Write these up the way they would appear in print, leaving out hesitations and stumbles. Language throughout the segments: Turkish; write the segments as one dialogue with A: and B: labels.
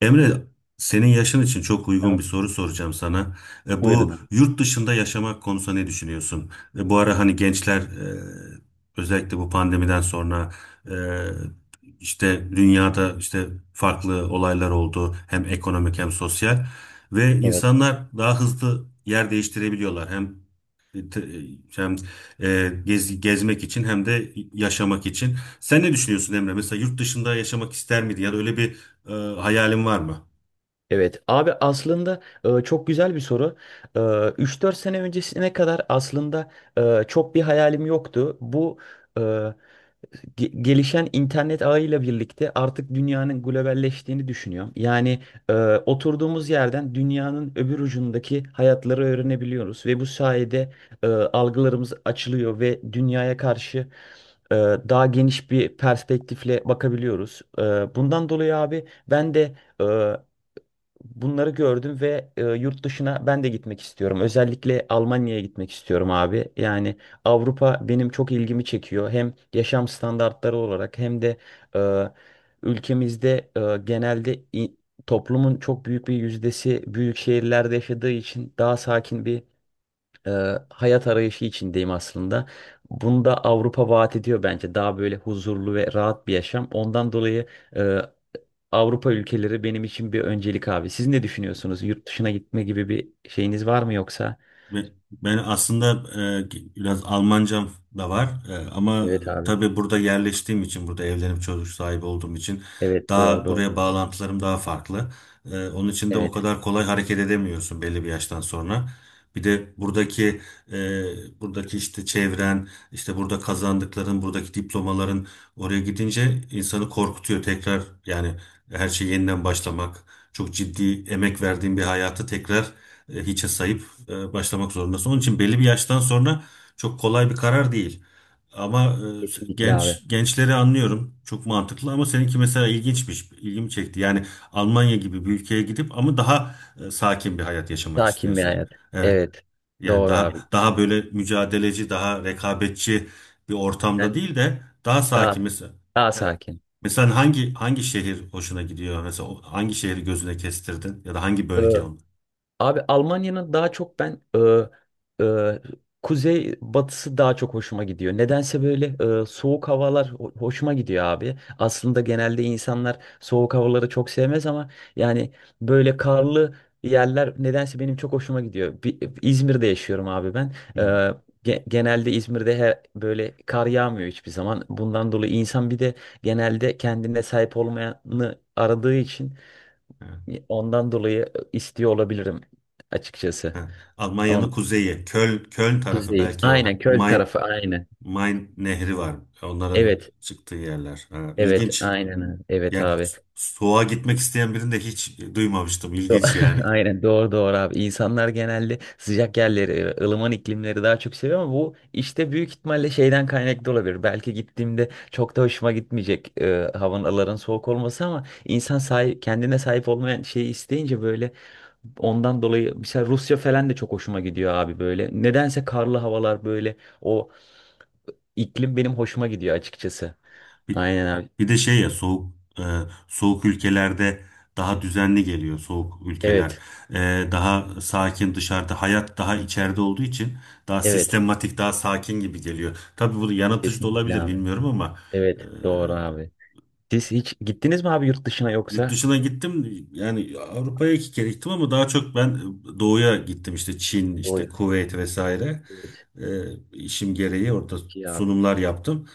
A: Emre, senin yaşın için çok uygun bir
B: Tamam.
A: soru soracağım sana.
B: Buyurun
A: Bu
B: abi.
A: yurt dışında yaşamak konusunda ne düşünüyorsun? Bu ara hani gençler özellikle bu pandemiden sonra e, işte dünyada işte farklı olaylar oldu. Hem ekonomik hem sosyal ve
B: Evet.
A: insanlar daha hızlı yer değiştirebiliyorlar. Hem te- hem gezmek için hem de yaşamak için. Sen ne düşünüyorsun Emre? Mesela yurt dışında yaşamak ister miydin? Ya da öyle bir hayalin var mı?
B: Evet abi aslında çok güzel bir soru. E, 3-4 sene öncesine kadar aslında çok bir hayalim yoktu. Bu e, gelişen internet ağıyla birlikte artık dünyanın globalleştiğini düşünüyor. Yani e, oturduğumuz yerden dünyanın öbür ucundaki hayatları öğrenebiliyoruz ve bu sayede algılarımız açılıyor ve dünyaya karşı e, daha geniş bir perspektifle bakabiliyoruz. Bundan dolayı abi ben de e, bunları gördüm ve yurt dışına ben de gitmek istiyorum. Özellikle Almanya'ya gitmek istiyorum abi. Yani Avrupa benim çok ilgimi çekiyor. Hem yaşam standartları olarak hem de e, ülkemizde genelde toplumun çok büyük bir yüzdesi büyük şehirlerde yaşadığı için daha sakin bir e, hayat arayışı içindeyim aslında. Bunu da Avrupa vaat ediyor bence. Daha böyle huzurlu ve rahat bir yaşam. Ondan dolayı e, Avrupa ülkeleri benim için bir öncelik abi. Siz ne düşünüyorsunuz? Yurt dışına gitme gibi bir şeyiniz var mı yoksa?
A: Ve ben aslında biraz Almancam da var. Ama
B: Evet abi.
A: tabii burada yerleştiğim için, burada evlenip çocuk sahibi olduğum için
B: Evet, doğru
A: daha
B: doğru
A: buraya
B: abi.
A: bağlantılarım daha farklı. Onun için de o
B: Evet,
A: kadar kolay hareket edemiyorsun belli bir yaştan sonra. Bir de buradaki buradaki işte çevren, işte burada kazandıkların, buradaki diplomaların oraya gidince insanı korkutuyor tekrar yani her şey yeniden başlamak. Çok ciddi emek verdiğin bir hayatı tekrar hiçe sayıp başlamak zorundasın. Onun için belli bir yaştan sonra çok kolay bir karar değil. Ama
B: kesinlikle abi.
A: gençleri anlıyorum. Çok mantıklı ama seninki mesela ilginçmiş. İlgimi çekti. Yani Almanya gibi bir ülkeye gidip ama daha sakin bir hayat yaşamak
B: Sakin bir
A: istiyorsun.
B: hayat.
A: Evet.
B: Evet,
A: Yani
B: doğru
A: daha
B: abi.
A: böyle mücadeleci, daha rekabetçi bir ortamda
B: Ben
A: değil de daha
B: daha
A: sakin mesela.
B: daha
A: Evet.
B: sakin.
A: Mesela hangi şehir hoşuna gidiyor? Mesela hangi şehri gözüne kestirdin ya da hangi bölge onu?
B: Abi Almanya'nın daha çok ben e, e, kuzey batısı daha çok hoşuma gidiyor. Nedense böyle soğuk havalar hoşuma gidiyor abi. Aslında genelde insanlar soğuk havaları çok sevmez ama yani böyle karlı yerler nedense benim çok hoşuma gidiyor. İzmir'de yaşıyorum abi ben. Genelde İzmir'de her, böyle kar yağmıyor hiçbir zaman. Bundan dolayı insan bir de genelde kendine sahip olmayanı aradığı için.
A: Hı.
B: Ondan dolayı istiyor olabilirim açıkçası.
A: Ha,
B: Ama
A: Almanya'nın kuzeyi, Köln tarafı
B: kuzeyi.
A: belki o
B: Aynen köl tarafı aynen.
A: Main nehri var. Onların
B: Evet.
A: çıktığı yerler. Ha,
B: Evet,
A: ilginç.
B: aynen. Evet
A: Yani
B: abi.
A: soğuğa gitmek isteyen birini de hiç duymamıştım.
B: Do-
A: İlginç yani.
B: Aynen, doğru doğru abi. İnsanlar genelde sıcak yerleri, ılıman iklimleri daha çok seviyor ama bu işte büyük ihtimalle şeyden kaynaklı olabilir. Belki gittiğimde çok da hoşuma gitmeyecek havaların soğuk olması ama insan sahip, kendine sahip olmayan şeyi isteyince böyle ondan dolayı mesela Rusya falan da çok hoşuma gidiyor abi böyle. Nedense karlı havalar böyle o iklim benim hoşuma gidiyor açıkçası.
A: Bir,
B: Aynen abi.
A: Bir de şey ya soğuk ülkelerde daha düzenli geliyor soğuk ülkeler.
B: Evet.
A: Daha sakin dışarıda hayat daha içeride olduğu için daha
B: Evet.
A: sistematik daha sakin gibi geliyor. Tabii bu yanıltıcı da
B: Kesinlikle
A: olabilir
B: abi.
A: bilmiyorum ama e,
B: Evet. Doğru abi. Siz hiç gittiniz mi abi yurt dışına
A: Yurt
B: yoksa?
A: dışına gittim yani Avrupa'ya iki kere gittim ama daha çok ben doğuya gittim işte Çin
B: O
A: işte
B: ya.
A: Kuveyt vesaire.
B: Evet, evet.
A: Ee, işim gereği orada
B: Çok iyi abi.
A: sunumlar yaptım.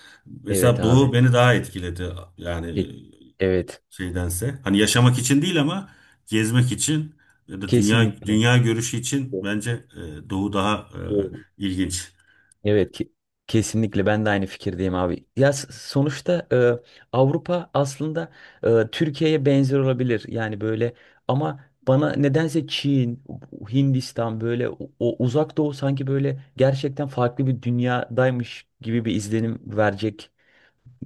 B: Evet
A: Mesela Doğu
B: abi.
A: beni daha etkiledi
B: Ke-
A: yani
B: Evet.
A: şeydense hani yaşamak için değil ama gezmek için ya da
B: Kesinlikle.
A: dünya görüşü için bence Doğu daha
B: Evet.
A: ilginç.
B: Evet ki kesinlikle ben de aynı fikirdeyim abi. Ya sonuçta Avrupa aslında Türkiye'ye benzer olabilir. Yani böyle ama bana nedense Çin, Hindistan böyle o, o uzak doğu sanki böyle gerçekten farklı bir dünyadaymış gibi bir izlenim verecek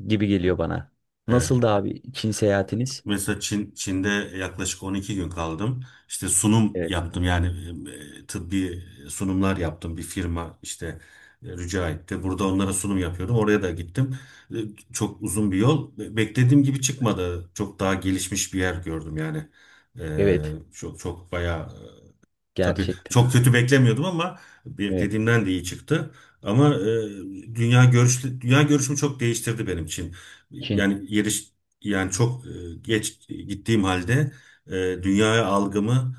B: gibi geliyor bana.
A: Evet.
B: Nasıldı abi Çin seyahatiniz?
A: Mesela Çin'de yaklaşık 12 gün kaldım. İşte sunum
B: Evet
A: yaptım
B: abi.
A: yani tıbbi sunumlar yaptım bir firma işte rica etti. Burada onlara sunum yapıyordum. Oraya da gittim. E, Çok uzun bir yol. Beklediğim gibi
B: Evet.
A: çıkmadı. Çok daha gelişmiş bir yer gördüm yani.
B: Evet.
A: E, çok çok bayağı Tabii
B: Gerçekten
A: çok
B: abi.
A: kötü beklemiyordum ama
B: Evet.
A: beklediğimden de iyi çıktı. Ama dünya görüşümü çok değiştirdi benim için.
B: Çin
A: Yani yeriş yani geç gittiğim halde e, dünyaya algımı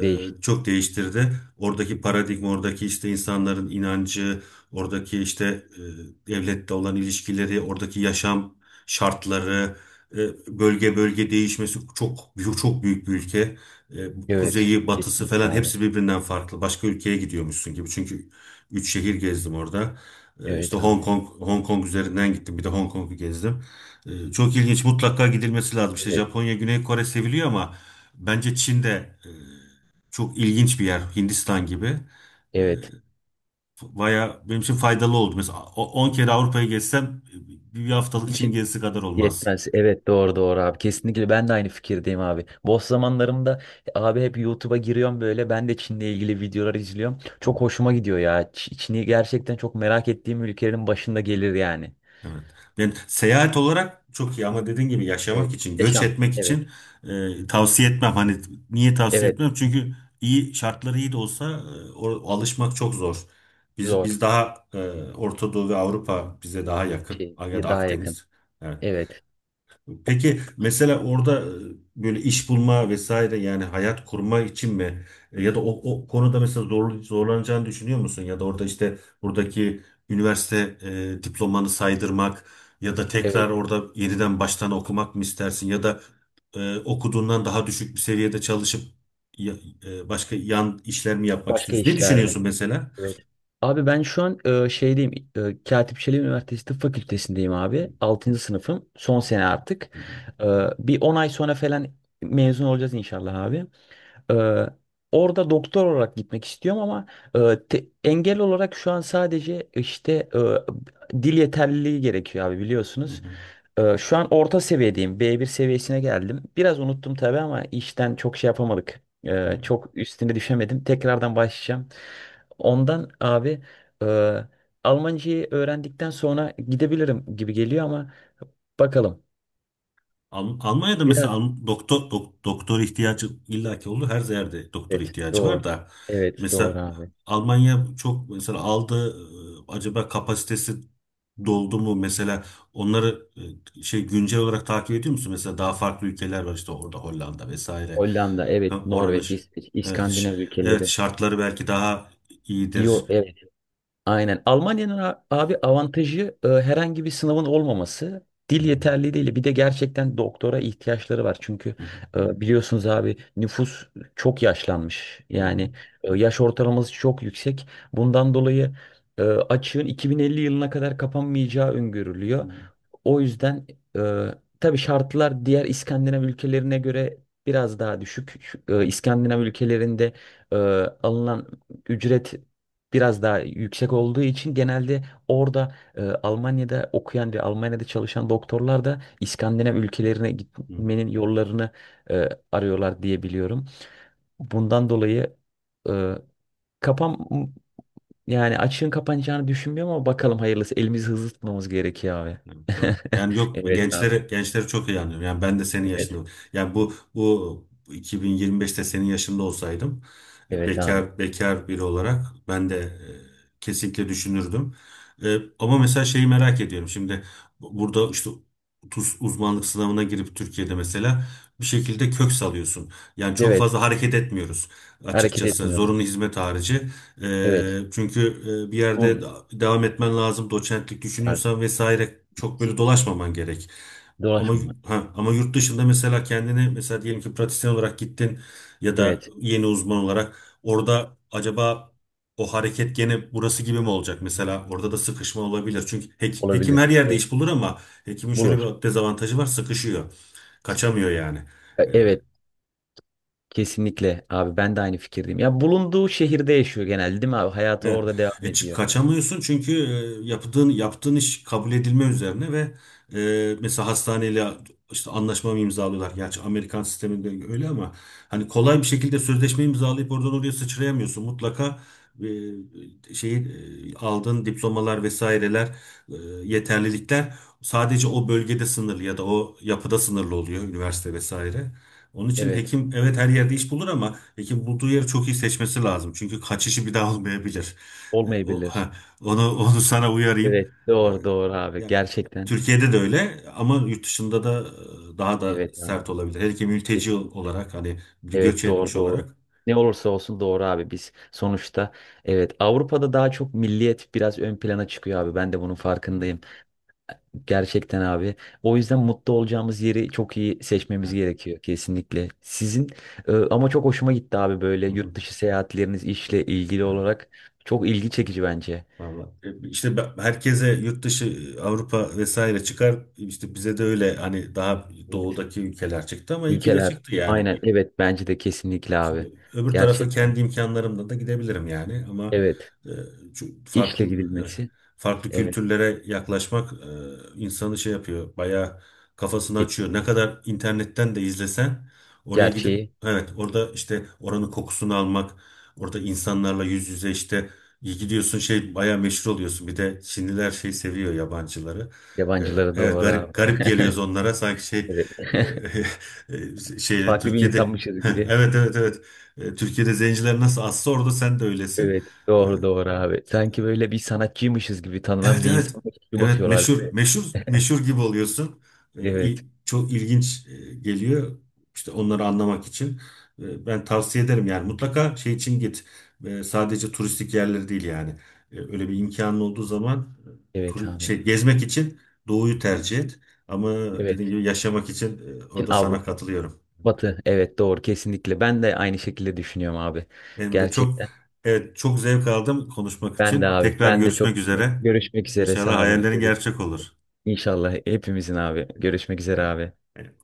B: değiş.
A: çok değiştirdi. Oradaki paradigma, oradaki işte insanların inancı, oradaki işte devlette olan ilişkileri, oradaki yaşam şartları, e, bölge bölge değişmesi çok çok büyük bir ülke. Bu
B: Evet.
A: kuzeyi, batısı
B: Kesinlikle
A: falan
B: abi.
A: hepsi birbirinden farklı. Başka ülkeye gidiyormuşsun gibi. Çünkü üç şehir gezdim orada. İşte
B: Evet abi.
A: Hong Kong üzerinden gittim. Bir de Hong Kong'u gezdim. Çok ilginç. Mutlaka gidilmesi lazım. İşte
B: Evet.
A: Japonya, Güney Kore seviliyor ama bence Çin de çok ilginç bir yer. Hindistan gibi. E,
B: Evet.
A: Baya benim için faydalı oldu. Mesela 10 kere Avrupa'yı gezsem bir haftalık Çin
B: Çin
A: gezisi kadar olmaz.
B: yetmez. Evet, doğru doğru abi. Kesinlikle ben de aynı fikirdeyim abi. Boş zamanlarımda abi hep YouTube'a giriyorum böyle. Ben de Çin'le ilgili videolar izliyorum. Çok hoşuma gidiyor ya. Çin'i gerçekten çok merak ettiğim ülkelerin başında gelir yani.
A: Evet. Ben seyahat olarak çok iyi ama dediğin gibi yaşamak
B: Evet.
A: için, göç
B: Yaşam.
A: etmek
B: Evet.
A: için tavsiye etmem. Hani niye tavsiye
B: Evet.
A: etmem? Çünkü iyi şartları iyi de olsa alışmak çok zor. Biz
B: Zor.
A: biz daha Orta Doğu ve Avrupa bize daha yakın
B: Şey.
A: ya da
B: Daha yakın.
A: Akdeniz. Yani
B: Evet. O-
A: peki mesela orada böyle iş bulma vesaire yani hayat kurma için mi? Ya da o konuda mesela zorlanacağını düşünüyor musun? Ya da orada işte buradaki üniversite diplomanı saydırmak ya da tekrar
B: Evet.
A: orada yeniden baştan okumak mı istersin? Ya da okuduğundan daha düşük bir seviyede çalışıp ya- başka yan işler mi yapmak
B: Başka
A: istiyorsun? Ne
B: işlerde.
A: düşünüyorsun mesela?
B: Evet. Abi ben şu an şeydeyim. Katip Çelebi Üniversitesi Tıp Fakültesindeyim abi. 6. sınıfım. Son sene artık.
A: Hı hı,
B: E, Bir 10 ay sonra falan mezun olacağız inşallah abi. Ee, Orada doktor olarak gitmek istiyorum ama engel olarak şu an sadece işte dil yeterliliği gerekiyor abi biliyorsunuz.
A: hı
B: Şu an orta seviyedeyim. B1 seviyesine geldim. Biraz unuttum tabii ama işten çok şey yapamadık.
A: hı, hı.
B: Çok üstüne düşemedim. Tekrardan başlayacağım. Ondan abi e, Almancayı öğrendikten sonra gidebilirim gibi geliyor ama bakalım.
A: Almanya'da mesela
B: Biraz
A: Doktor ihtiyacı illaki oldu. Her yerde doktor
B: evet,
A: ihtiyacı
B: doğru.
A: var da
B: Evet doğru
A: mesela
B: abi.
A: Almanya çok mesela aldı, acaba kapasitesi doldu mu mesela onları şey güncel olarak takip ediyor musun? Mesela daha farklı ülkeler var işte orada Hollanda vesaire.
B: Hollanda,
A: Ha,
B: evet,
A: oranın
B: Norveç, İsveç,
A: evet ş-
B: İskandinav
A: evet
B: ülkeleri.
A: şartları belki daha
B: İyi,
A: iyidir.
B: evet. Aynen. Almanya'nın abi avantajı herhangi bir sınavın olmaması.
A: Hı
B: Dil
A: hı,
B: yeterli değil. Bir de gerçekten doktora ihtiyaçları var. Çünkü
A: hı
B: biliyorsunuz abi nüfus çok yaşlanmış.
A: hı,
B: Yani yaş ortalaması çok yüksek. Bundan dolayı açığın 2050 yılına kadar kapanmayacağı
A: hı hı,
B: öngörülüyor.
A: hı hı,
B: O yüzden e, tabii şartlar diğer İskandinav ülkelerine göre biraz daha düşük. İskandinav ülkelerinde e, alınan ücret biraz daha yüksek olduğu için genelde orada Almanya'da okuyan ve Almanya'da çalışan doktorlar da İskandinav ülkelerine
A: hı hı.
B: gitmenin yollarını arıyorlar diye biliyorum. Bundan dolayı e, kafam yani açığın kapanacağını düşünmüyorum ama bakalım hayırlısı. Elimizi hızlı tutmamız gerekiyor abi.
A: Evet, doğru. Yani yok
B: Evet abi.
A: gençleri çok iyi anlıyorum. Yani ben de senin
B: Evet.
A: yaşında. Yani bu 2025'te senin yaşında olsaydım
B: Evet abi.
A: bekar biri olarak ben de kesinlikle düşünürdüm. Ama mesela şeyi merak ediyorum. Şimdi burada işte tuz uzmanlık sınavına girip Türkiye'de mesela bir şekilde kök salıyorsun. Yani çok
B: Evet.
A: fazla hareket etmiyoruz
B: Hareket
A: açıkçası. Zorunlu
B: etmiyoruz.
A: hizmet harici,
B: Evet.
A: çünkü bir yerde
B: Bun.
A: devam etmen lazım. Doçentlik
B: az-
A: düşünüyorsan vesaire çok böyle dolaşmaman gerek. Ama
B: Dolaşma.
A: ha, ama yurt dışında mesela kendini mesela diyelim ki pratisyen olarak gittin ya da
B: Evet.
A: yeni uzman olarak orada acaba o hareket gene burası gibi mi olacak? Mesela orada da sıkışma olabilir. Çünkü hekim
B: Olabilir.
A: her yerde
B: Evet.
A: iş bulur ama hekimin şöyle
B: Bulur.
A: bir dezavantajı var, sıkışıyor. Kaçamıyor yani.
B: Evet. Kesinlikle abi, ben de aynı fikirdeyim. Ya bulunduğu şehirde yaşıyor genelde değil mi abi? Hayatı
A: Evet.
B: orada devam
A: E, çık
B: ediyor.
A: Kaçamıyorsun çünkü yaptığın iş kabul edilme üzerine ve mesela hastaneyle işte anlaşma mı imzalıyorlar? Gerçi Amerikan sisteminde öyle ama hani kolay bir şekilde sözleşme imzalayıp oradan oraya sıçrayamıyorsun. Mutlaka e, şeyi aldığın diplomalar vesaireler, e, yeterlilikler sadece o bölgede sınırlı ya da o yapıda sınırlı oluyor, üniversite vesaire. Onun için
B: Evet.
A: hekim evet her yerde iş bulur ama peki bulduğu yeri çok iyi seçmesi lazım. Çünkü kaçışı bir daha olmayabilir. E, O,
B: Olmayabilir.
A: ha, Onu onu sana uyarayım.
B: Evet.
A: E,
B: Doğru doğru abi.
A: Yani
B: Gerçekten.
A: Türkiye'de de öyle ama yurt dışında da daha da
B: Evet abi.
A: sert olabilir. Hele ki mülteci
B: Kesinlikle.
A: olarak hani bir göç
B: Evet, doğru
A: etmiş
B: doğru.
A: olarak.
B: Ne olursa olsun doğru abi, biz sonuçta evet Avrupa'da daha çok milliyet biraz ön plana çıkıyor abi, ben de bunun farkındayım. Gerçekten abi, o yüzden mutlu olacağımız yeri çok iyi seçmemiz
A: Ha,
B: gerekiyor kesinlikle. Sizin ama çok hoşuma gitti abi, böyle
A: hı hı,
B: yurt dışı seyahatleriniz işle ilgili
A: ha,
B: olarak çok ilgi çekici bence.
A: vallahi. İşte herkese yurt dışı, Avrupa vesaire çıkar. İşte bize de öyle hani daha
B: Evet.
A: doğudaki ülkeler çıktı ama iyi ki de
B: Ülkeler,
A: çıktı yani.
B: aynen evet, bence de kesinlikle abi,
A: Çünkü öbür tarafa
B: gerçekten
A: kendi imkanlarımla da gidebilirim yani ama
B: evet,
A: e, farklı
B: işle
A: evet
B: gidilmesi
A: farklı
B: evet
A: kültürlere yaklaşmak insanı şey yapıyor bayağı, kafasını
B: e,
A: açıyor. Ne kadar internetten de izlesen oraya gidip
B: gerçeği.
A: evet orada işte oranın kokusunu almak, orada insanlarla yüz yüze işte iyi gidiyorsun şey bayağı meşhur oluyorsun. Bir de Çinliler şey seviyor yabancıları. E,
B: Yabancıları,
A: evet
B: doğru
A: garip
B: abi.
A: garip geliyoruz onlara sanki şey.
B: Evet.
A: e, şeyle
B: Farklı bir
A: Türkiye'de
B: insanmışız gibi.
A: evet evet evet, Türkiye'de zenciler nasıl azsa orada sen de öylesin.
B: Evet.
A: E,
B: Doğru doğru abi. Sanki böyle bir sanatçıymışız gibi tanınan
A: Evet
B: bir
A: evet.
B: insanmış gibi
A: Evet
B: bakıyorlar değil
A: meşhur
B: mi?
A: meşhur meşhur gibi oluyorsun.
B: Evet.
A: Çok ilginç geliyor. İşte onları anlamak için. Ben tavsiye ederim yani mutlaka şey için git. Sadece turistik yerleri değil yani. Öyle bir imkanın olduğu zaman
B: Evet abi.
A: şey gezmek için doğuyu tercih et. Ama dediğim
B: Evet.
A: gibi yaşamak için
B: Çin
A: orada sana
B: Avrupa.
A: katılıyorum.
B: Batı. Evet, doğru kesinlikle. Ben de aynı şekilde düşünüyorum abi.
A: Benim de çok,
B: Gerçekten.
A: evet çok zevk aldım konuşmak
B: Ben de
A: için.
B: abi.
A: Tekrar
B: Ben de
A: görüşmek
B: çok
A: üzere.
B: görüşmek üzere.
A: İnşallah
B: Sağ olun.
A: hayallerin
B: Görüşmek
A: gerçek olur.
B: üzere. İnşallah hepimizin abi. Görüşmek üzere abi.
A: Evet.